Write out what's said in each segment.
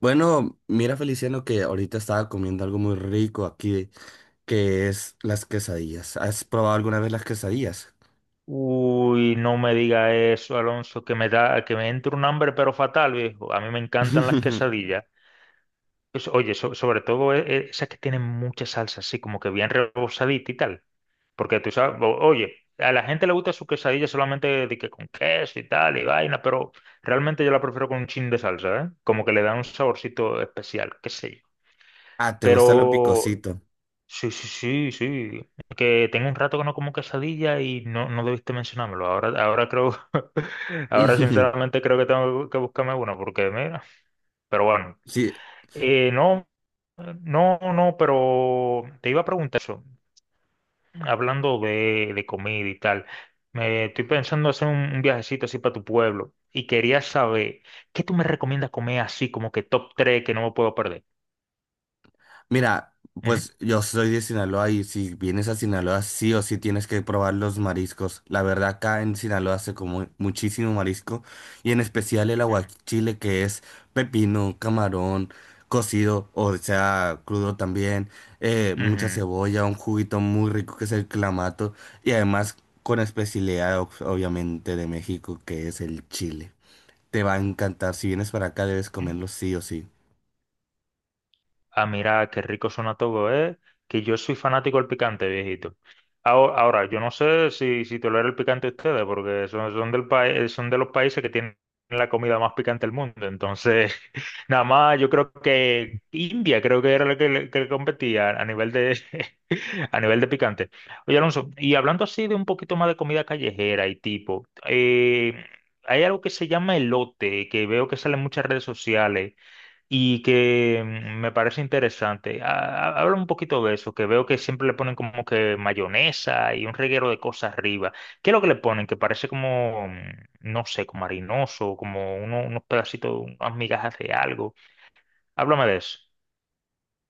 Bueno, mira Feliciano que ahorita estaba comiendo algo muy rico aquí, que es las quesadillas. ¿Has probado alguna vez las quesadillas? Uy, no me diga eso, Alonso, que me da, que me entra un hambre pero fatal, viejo. A mí me encantan las quesadillas. Pues, oye, sobre todo esas que tienen mucha salsa, así como que bien rebozadita y tal. Porque tú sabes, oye, a la gente le gusta su quesadilla solamente de que con queso y tal y vaina, pero realmente yo la prefiero con un chin de salsa, ¿eh? Como que le da un saborcito especial, qué sé yo. Ah, ¿te gusta lo Pero picosito? sí, sí, sí, sí. Es que tengo un rato que no como quesadilla y no, no debiste mencionármelo. Ahora, ahora creo, ahora sinceramente creo que tengo que buscarme una porque mira, pero bueno. Sí, No, no, no, pero te iba a preguntar eso, hablando de comida y tal. Me estoy pensando hacer un viajecito así para tu pueblo y quería saber, ¿qué tú me recomiendas comer así como que top 3 que no me puedo perder? mira, Ujú, pues yo soy de Sinaloa y si vienes a Sinaloa sí o sí tienes que probar los mariscos. La verdad acá en Sinaloa se come muchísimo marisco y en especial el aguachile que es pepino, camarón, cocido, o sea crudo también, mucha ujú, cebolla, un juguito muy rico que es el clamato y además con especialidad obviamente de México que es el chile. Te va a encantar, si vienes para acá debes ujú. comerlo sí o sí. A mirar qué rico suena todo, ¿eh? Que yo soy fanático del picante, viejito. Ahora, ahora, yo no sé si, si tolera el picante ustedes, porque son, son del país, son de los países que tienen la comida más picante del mundo. Entonces, nada más, yo creo que India, creo que era la que, que le competía a nivel de, a nivel de picante. Oye, Alonso, y hablando así de un poquito más de comida callejera y tipo, hay algo que se llama elote, que veo que sale en muchas redes sociales y que me parece interesante. Habla un poquito de eso, que veo que siempre le ponen como que mayonesa y un reguero de cosas arriba. ¿Qué es lo que le ponen? Que parece como, no sé, como harinoso, como unos pedacitos, unas migajas de algo. Háblame de eso.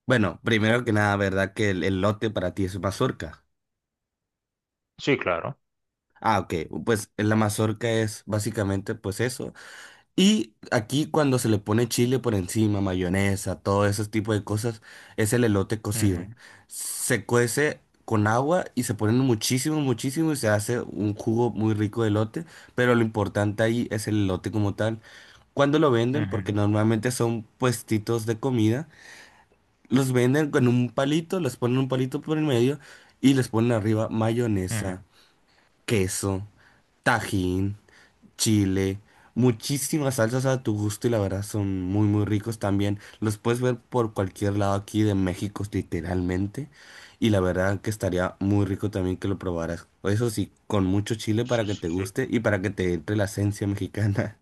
Bueno, primero que nada, ¿verdad que el elote para ti es mazorca? Sí, claro. Ah, ok. Pues la mazorca es básicamente pues eso. Y aquí cuando se le pone chile por encima, mayonesa, todo ese tipo de cosas, es el elote cocido. Ujú, Se cuece con agua y se pone muchísimo, muchísimo y se hace un jugo muy rico de elote, pero lo importante ahí es el elote como tal. Cuando lo venden, ujú, porque normalmente son puestitos de comida. Los venden con un palito, les ponen un palito por el medio y les ponen arriba ujú. mayonesa, queso, tajín, chile, muchísimas salsas a tu gusto y la verdad son muy muy ricos también. Los puedes ver por cualquier lado aquí de México literalmente y la verdad que estaría muy rico también que lo probaras. Eso sí, con mucho chile Sí, para que te sí, sí. guste y para que te entre la esencia mexicana.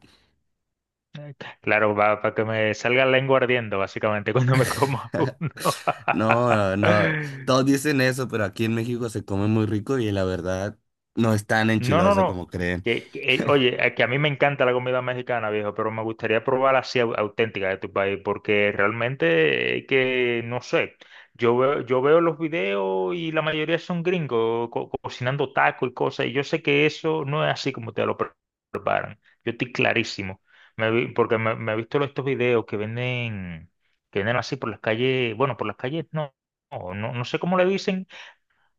Eh, Claro, va para que me salga la lengua ardiendo, básicamente, cuando me coma uno. No, no, todos dicen eso, pero aquí en México se come muy rico y la verdad no es tan No, no, enchiloso como no. creen. Que, oye, que a mí me encanta la comida mexicana, viejo, pero me gustaría probar así auténtica de tu país, porque realmente que, no sé, yo veo los videos y la mayoría son gringos cocinando tacos y cosas, y yo sé que eso no es así como te lo preparan. Yo estoy clarísimo. Porque me he visto los estos videos que venden así por las calles, bueno, por las calles no, no, no, no sé cómo le dicen,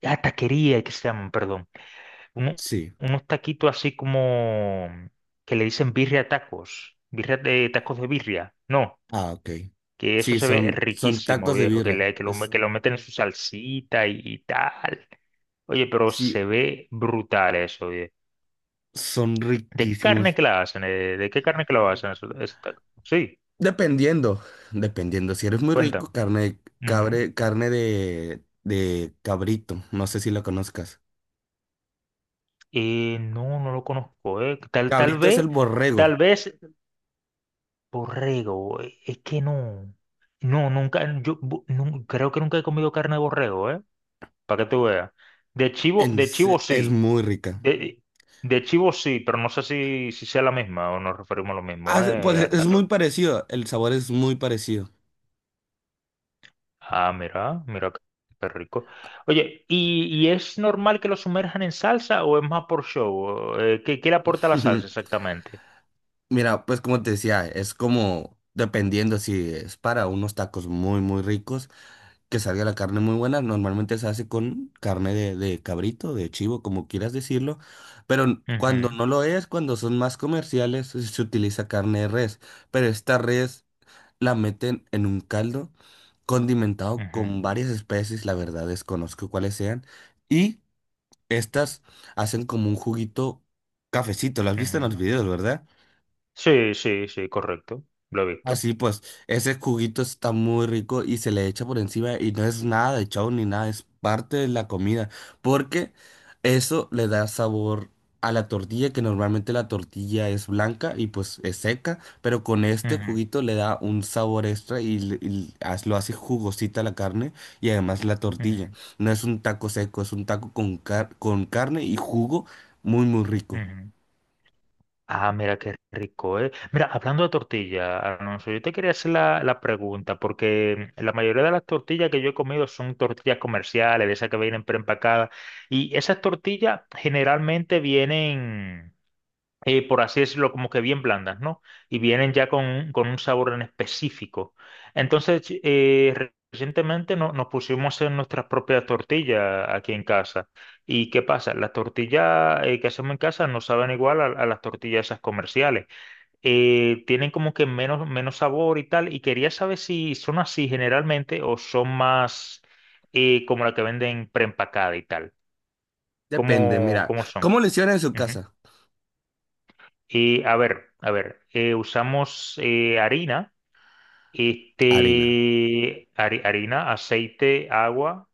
ah, taquería, que se llaman, perdón, uno- Sí, unos taquitos así como que le dicen birria tacos, birria de tacos de birria, no, ah, ok. que eso Sí, se ve son, son riquísimo, tacos de viejo, que, birra. Que lo, que lo meten en su salsita y tal. Oye, pero Sí, se ve brutal eso, viejo. son ¿De carne riquísimos. que la hacen? ¿Eh? ¿De qué carne que lo hacen esos tacos? Sí, Dependiendo, dependiendo. Si eres muy rico, cuéntame. carne de Ujú. cabre, carne de cabrito. No sé si la conozcas. No, no lo conozco, eh. Tal, Cabrito es el borrego. tal vez borrego, es que no, no, nunca, creo que nunca he comido carne de borrego, ¿eh? Para que tú veas. De chivo, de chivo Es sí, muy rica. de, de chivo sí, pero no sé si, si sea la misma o nos referimos a lo mismo, Ah, pues ¿eh? Es muy parecido. El sabor es muy parecido. Ah, mira, mira qué qué rico. Oye, y es normal que lo sumerjan en salsa o es más por show? ¿Qué, qué le aporta la salsa exactamente? Mira, pues como te decía, es como dependiendo si es para unos tacos muy, muy ricos, que salga la carne muy buena. Normalmente se hace con carne de cabrito, de chivo, como quieras decirlo. Pero cuando Ujú, no lo es, cuando son más comerciales, se utiliza carne de res. Pero esta res la meten en un caldo condimentado con ujú, varias especies, la verdad desconozco cuáles sean. Y estas hacen como un juguito cafecito. Lo has visto en los ujú. videos, ¿verdad? Sí, sí, sí, correcto, lo he visto. Así pues, ese juguito está muy rico y se le echa por encima y no es nada de chau ni nada, es parte de la comida, porque eso le da sabor a la tortilla, que normalmente la tortilla es blanca y pues es seca, pero con este Ujú, juguito le da un sabor extra y, y lo hace jugosita la carne y además la tortilla. ujú, No es un taco seco, es un taco con, con carne y jugo muy muy rico. ujú. Ah, mira qué rico, ¿eh? Mira, hablando de tortilla, Alonso, yo te quería hacer la, la pregunta, porque la mayoría de las tortillas que yo he comido son tortillas comerciales, de esas que vienen preempacadas, y esas tortillas generalmente vienen por así decirlo, como que bien blandas, ¿no? Y vienen ya con un sabor en específico. Entonces, recientemente nos pusimos a hacer nuestras propias tortillas aquí en casa. ¿Y qué pasa? Las tortillas que hacemos en casa no saben igual a las tortillas esas comerciales. Tienen como que menos, menos sabor y tal. Y quería saber si son así generalmente o son más como la que venden preempacada y tal. Depende, ¿Cómo, mira, cómo son? ¿cómo le hicieron en su casa? A ver, a ver, usamos harina, Harina. este, harina, aceite, agua,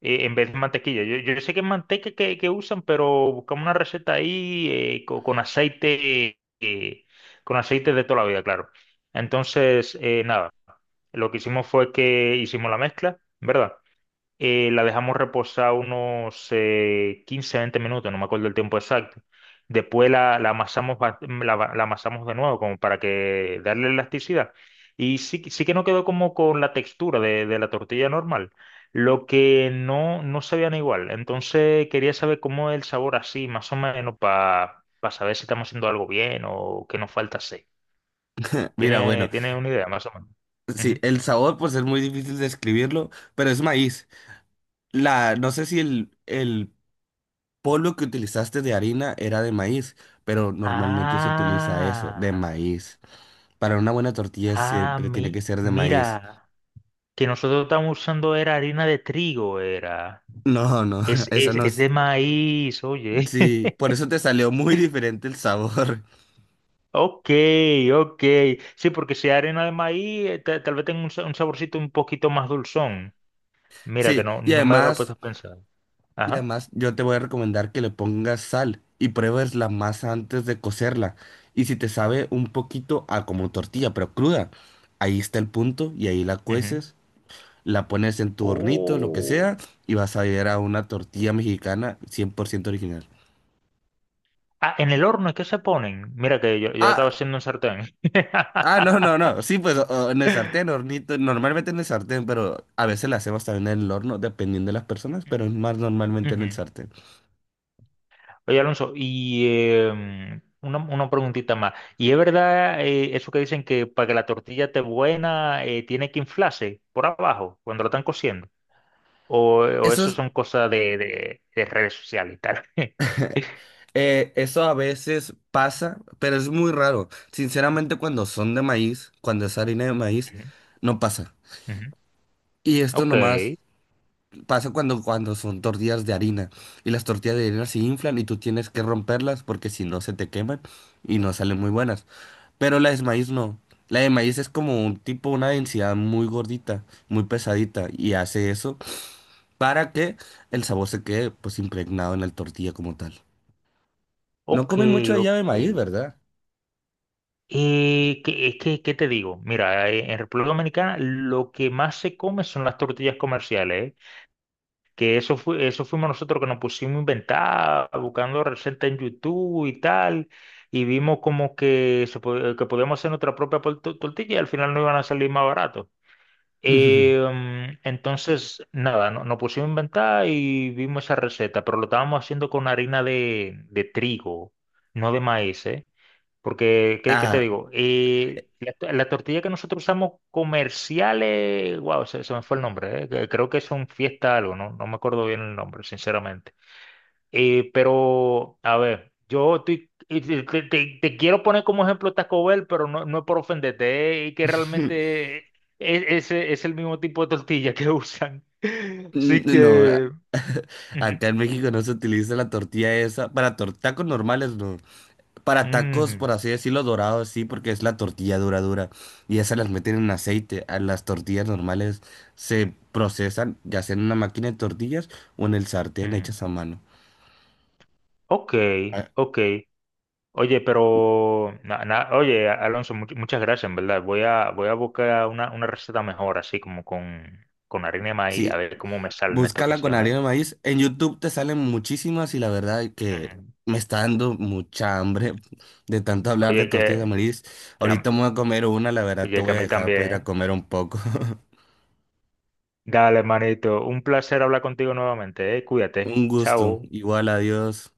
en vez de mantequilla. Yo sé que es manteca que usan, pero buscamos una receta ahí co- con aceite de toda la vida, claro. Entonces, nada, lo que hicimos fue que hicimos la mezcla, ¿verdad? La dejamos reposar unos 15, 20 minutos, no me acuerdo el tiempo exacto. Después la, la amasamos, la, la amasamos de nuevo como para que darle elasticidad. Y sí, sí que no quedó como con la textura de la tortilla normal, lo que no, no sabían igual. Entonces quería saber cómo es el sabor así, más o menos, para saber si estamos haciendo algo bien o qué nos falta hacer. Mira, ¿Tiene, bueno. tiene una idea, más o menos? Sí, Ujú. el sabor pues es muy difícil describirlo, pero es maíz. La, no sé si el polvo que utilizaste de harina era de maíz, pero normalmente se utiliza eso, de Ah. maíz. Para una buena tortilla Ah, siempre tiene mi, que ser de maíz. mira, que nosotros estamos usando era harina de trigo, era. No, no, eso no. Es de maíz, oye. Sí, por eso te salió muy diferente el sabor. Ok, ok. Sí, porque si hay harina de maíz, tal vez tenga un, un saborcito un poquito más dulzón. Mira, que Sí, no, y no me había además... puesto a pensar. Y Ajá. además, yo te voy a recomendar que le pongas sal y pruebes la masa antes de cocerla. Y si te sabe un poquito a como tortilla, pero cruda, ahí está el punto y ahí la Ujú. cueces, la pones en tu hornito, lo que Oh. sea, y vas a ver a una tortilla mexicana 100% original. Ah, en el horno es que se ponen. Mira que yo la estaba Ah, haciendo en sartén. ah, no, no, no. Sí, pues en el sartén, hornito, normalmente en el sartén, pero a veces la hacemos también en el horno, dependiendo de las personas, pero es más normalmente en el Ujú. sartén. Oye, Alonso, y una preguntita más. ¿Y es verdad eso que dicen que para que la tortilla esté buena tiene que inflarse por abajo cuando la están cociendo? O Eso eso es. son cosas de, de redes sociales y tal? Eso a veces pasa, pero es muy raro. Sinceramente, cuando son de maíz, cuando es harina de maíz, Ujú, no pasa. ujú. Y esto Ok, nomás pasa cuando, cuando son tortillas de harina. Y las tortillas de harina se inflan y tú tienes que romperlas porque si no se te queman y no salen muy buenas. Pero la de maíz no. La de maíz es como un tipo, una densidad muy gordita, muy pesadita. Y hace eso para que el sabor se quede pues impregnado en la tortilla como tal. No ok, comen mucho ok. allá de maíz, ¿verdad? ¿Qué, qué te digo? Mira, en República Dominicana lo que más se come son las tortillas comerciales, ¿eh? Que eso fue, eso fuimos nosotros que nos pusimos a inventar, buscando recetas en YouTube y tal, y vimos como que, se, que podíamos hacer nuestra propia tortilla y al final no iban a salir más barato. Entonces, nada, nos pusimos a inventar y vimos esa receta, pero lo estábamos haciendo con harina de trigo, no de maíz, ¿eh? Porque, ¿qué, qué te Ah, digo? La, la tortilla que nosotros usamos comerciales, wow, se me fue el nombre, creo que es un fiesta algo, no, no me acuerdo bien el nombre, sinceramente. Pero, a ver, y te, te quiero poner como ejemplo Taco Bell, pero no, no es por ofenderte, y que realmente es, es el mismo tipo de tortilla que usan. Así no, a- que... ujú, acá en México no se utiliza la tortilla esa. Para tacos normales, no. Para tacos, ujú, por así decirlo, dorados, sí, porque es la tortilla dura, dura. Y esas las meten en aceite. A las tortillas normales se procesan, ya sea en una máquina de tortillas o en el sartén ujú. hechas a mano. Ok, Ah, ok. Oye, pero, na- na- oye, Alonso, muchas gracias, en verdad. Voy a, voy a buscar una receta mejor, así como con harina de maíz, a sí, ver cómo me sale en esta búscala con ocasión, ¿eh? harina de maíz. En YouTube te salen muchísimas y la verdad es que Ujú. me está dando mucha hambre de tanto hablar de Oye, tortillas de maíz. que Ahorita a, me voy a comer una, la verdad te oye, que a voy a mí dejar para también, ir a ¿eh? comer un poco. Dale, manito, un placer hablar contigo nuevamente, ¿eh? Cuídate. Un gusto. Chao. Igual, adiós.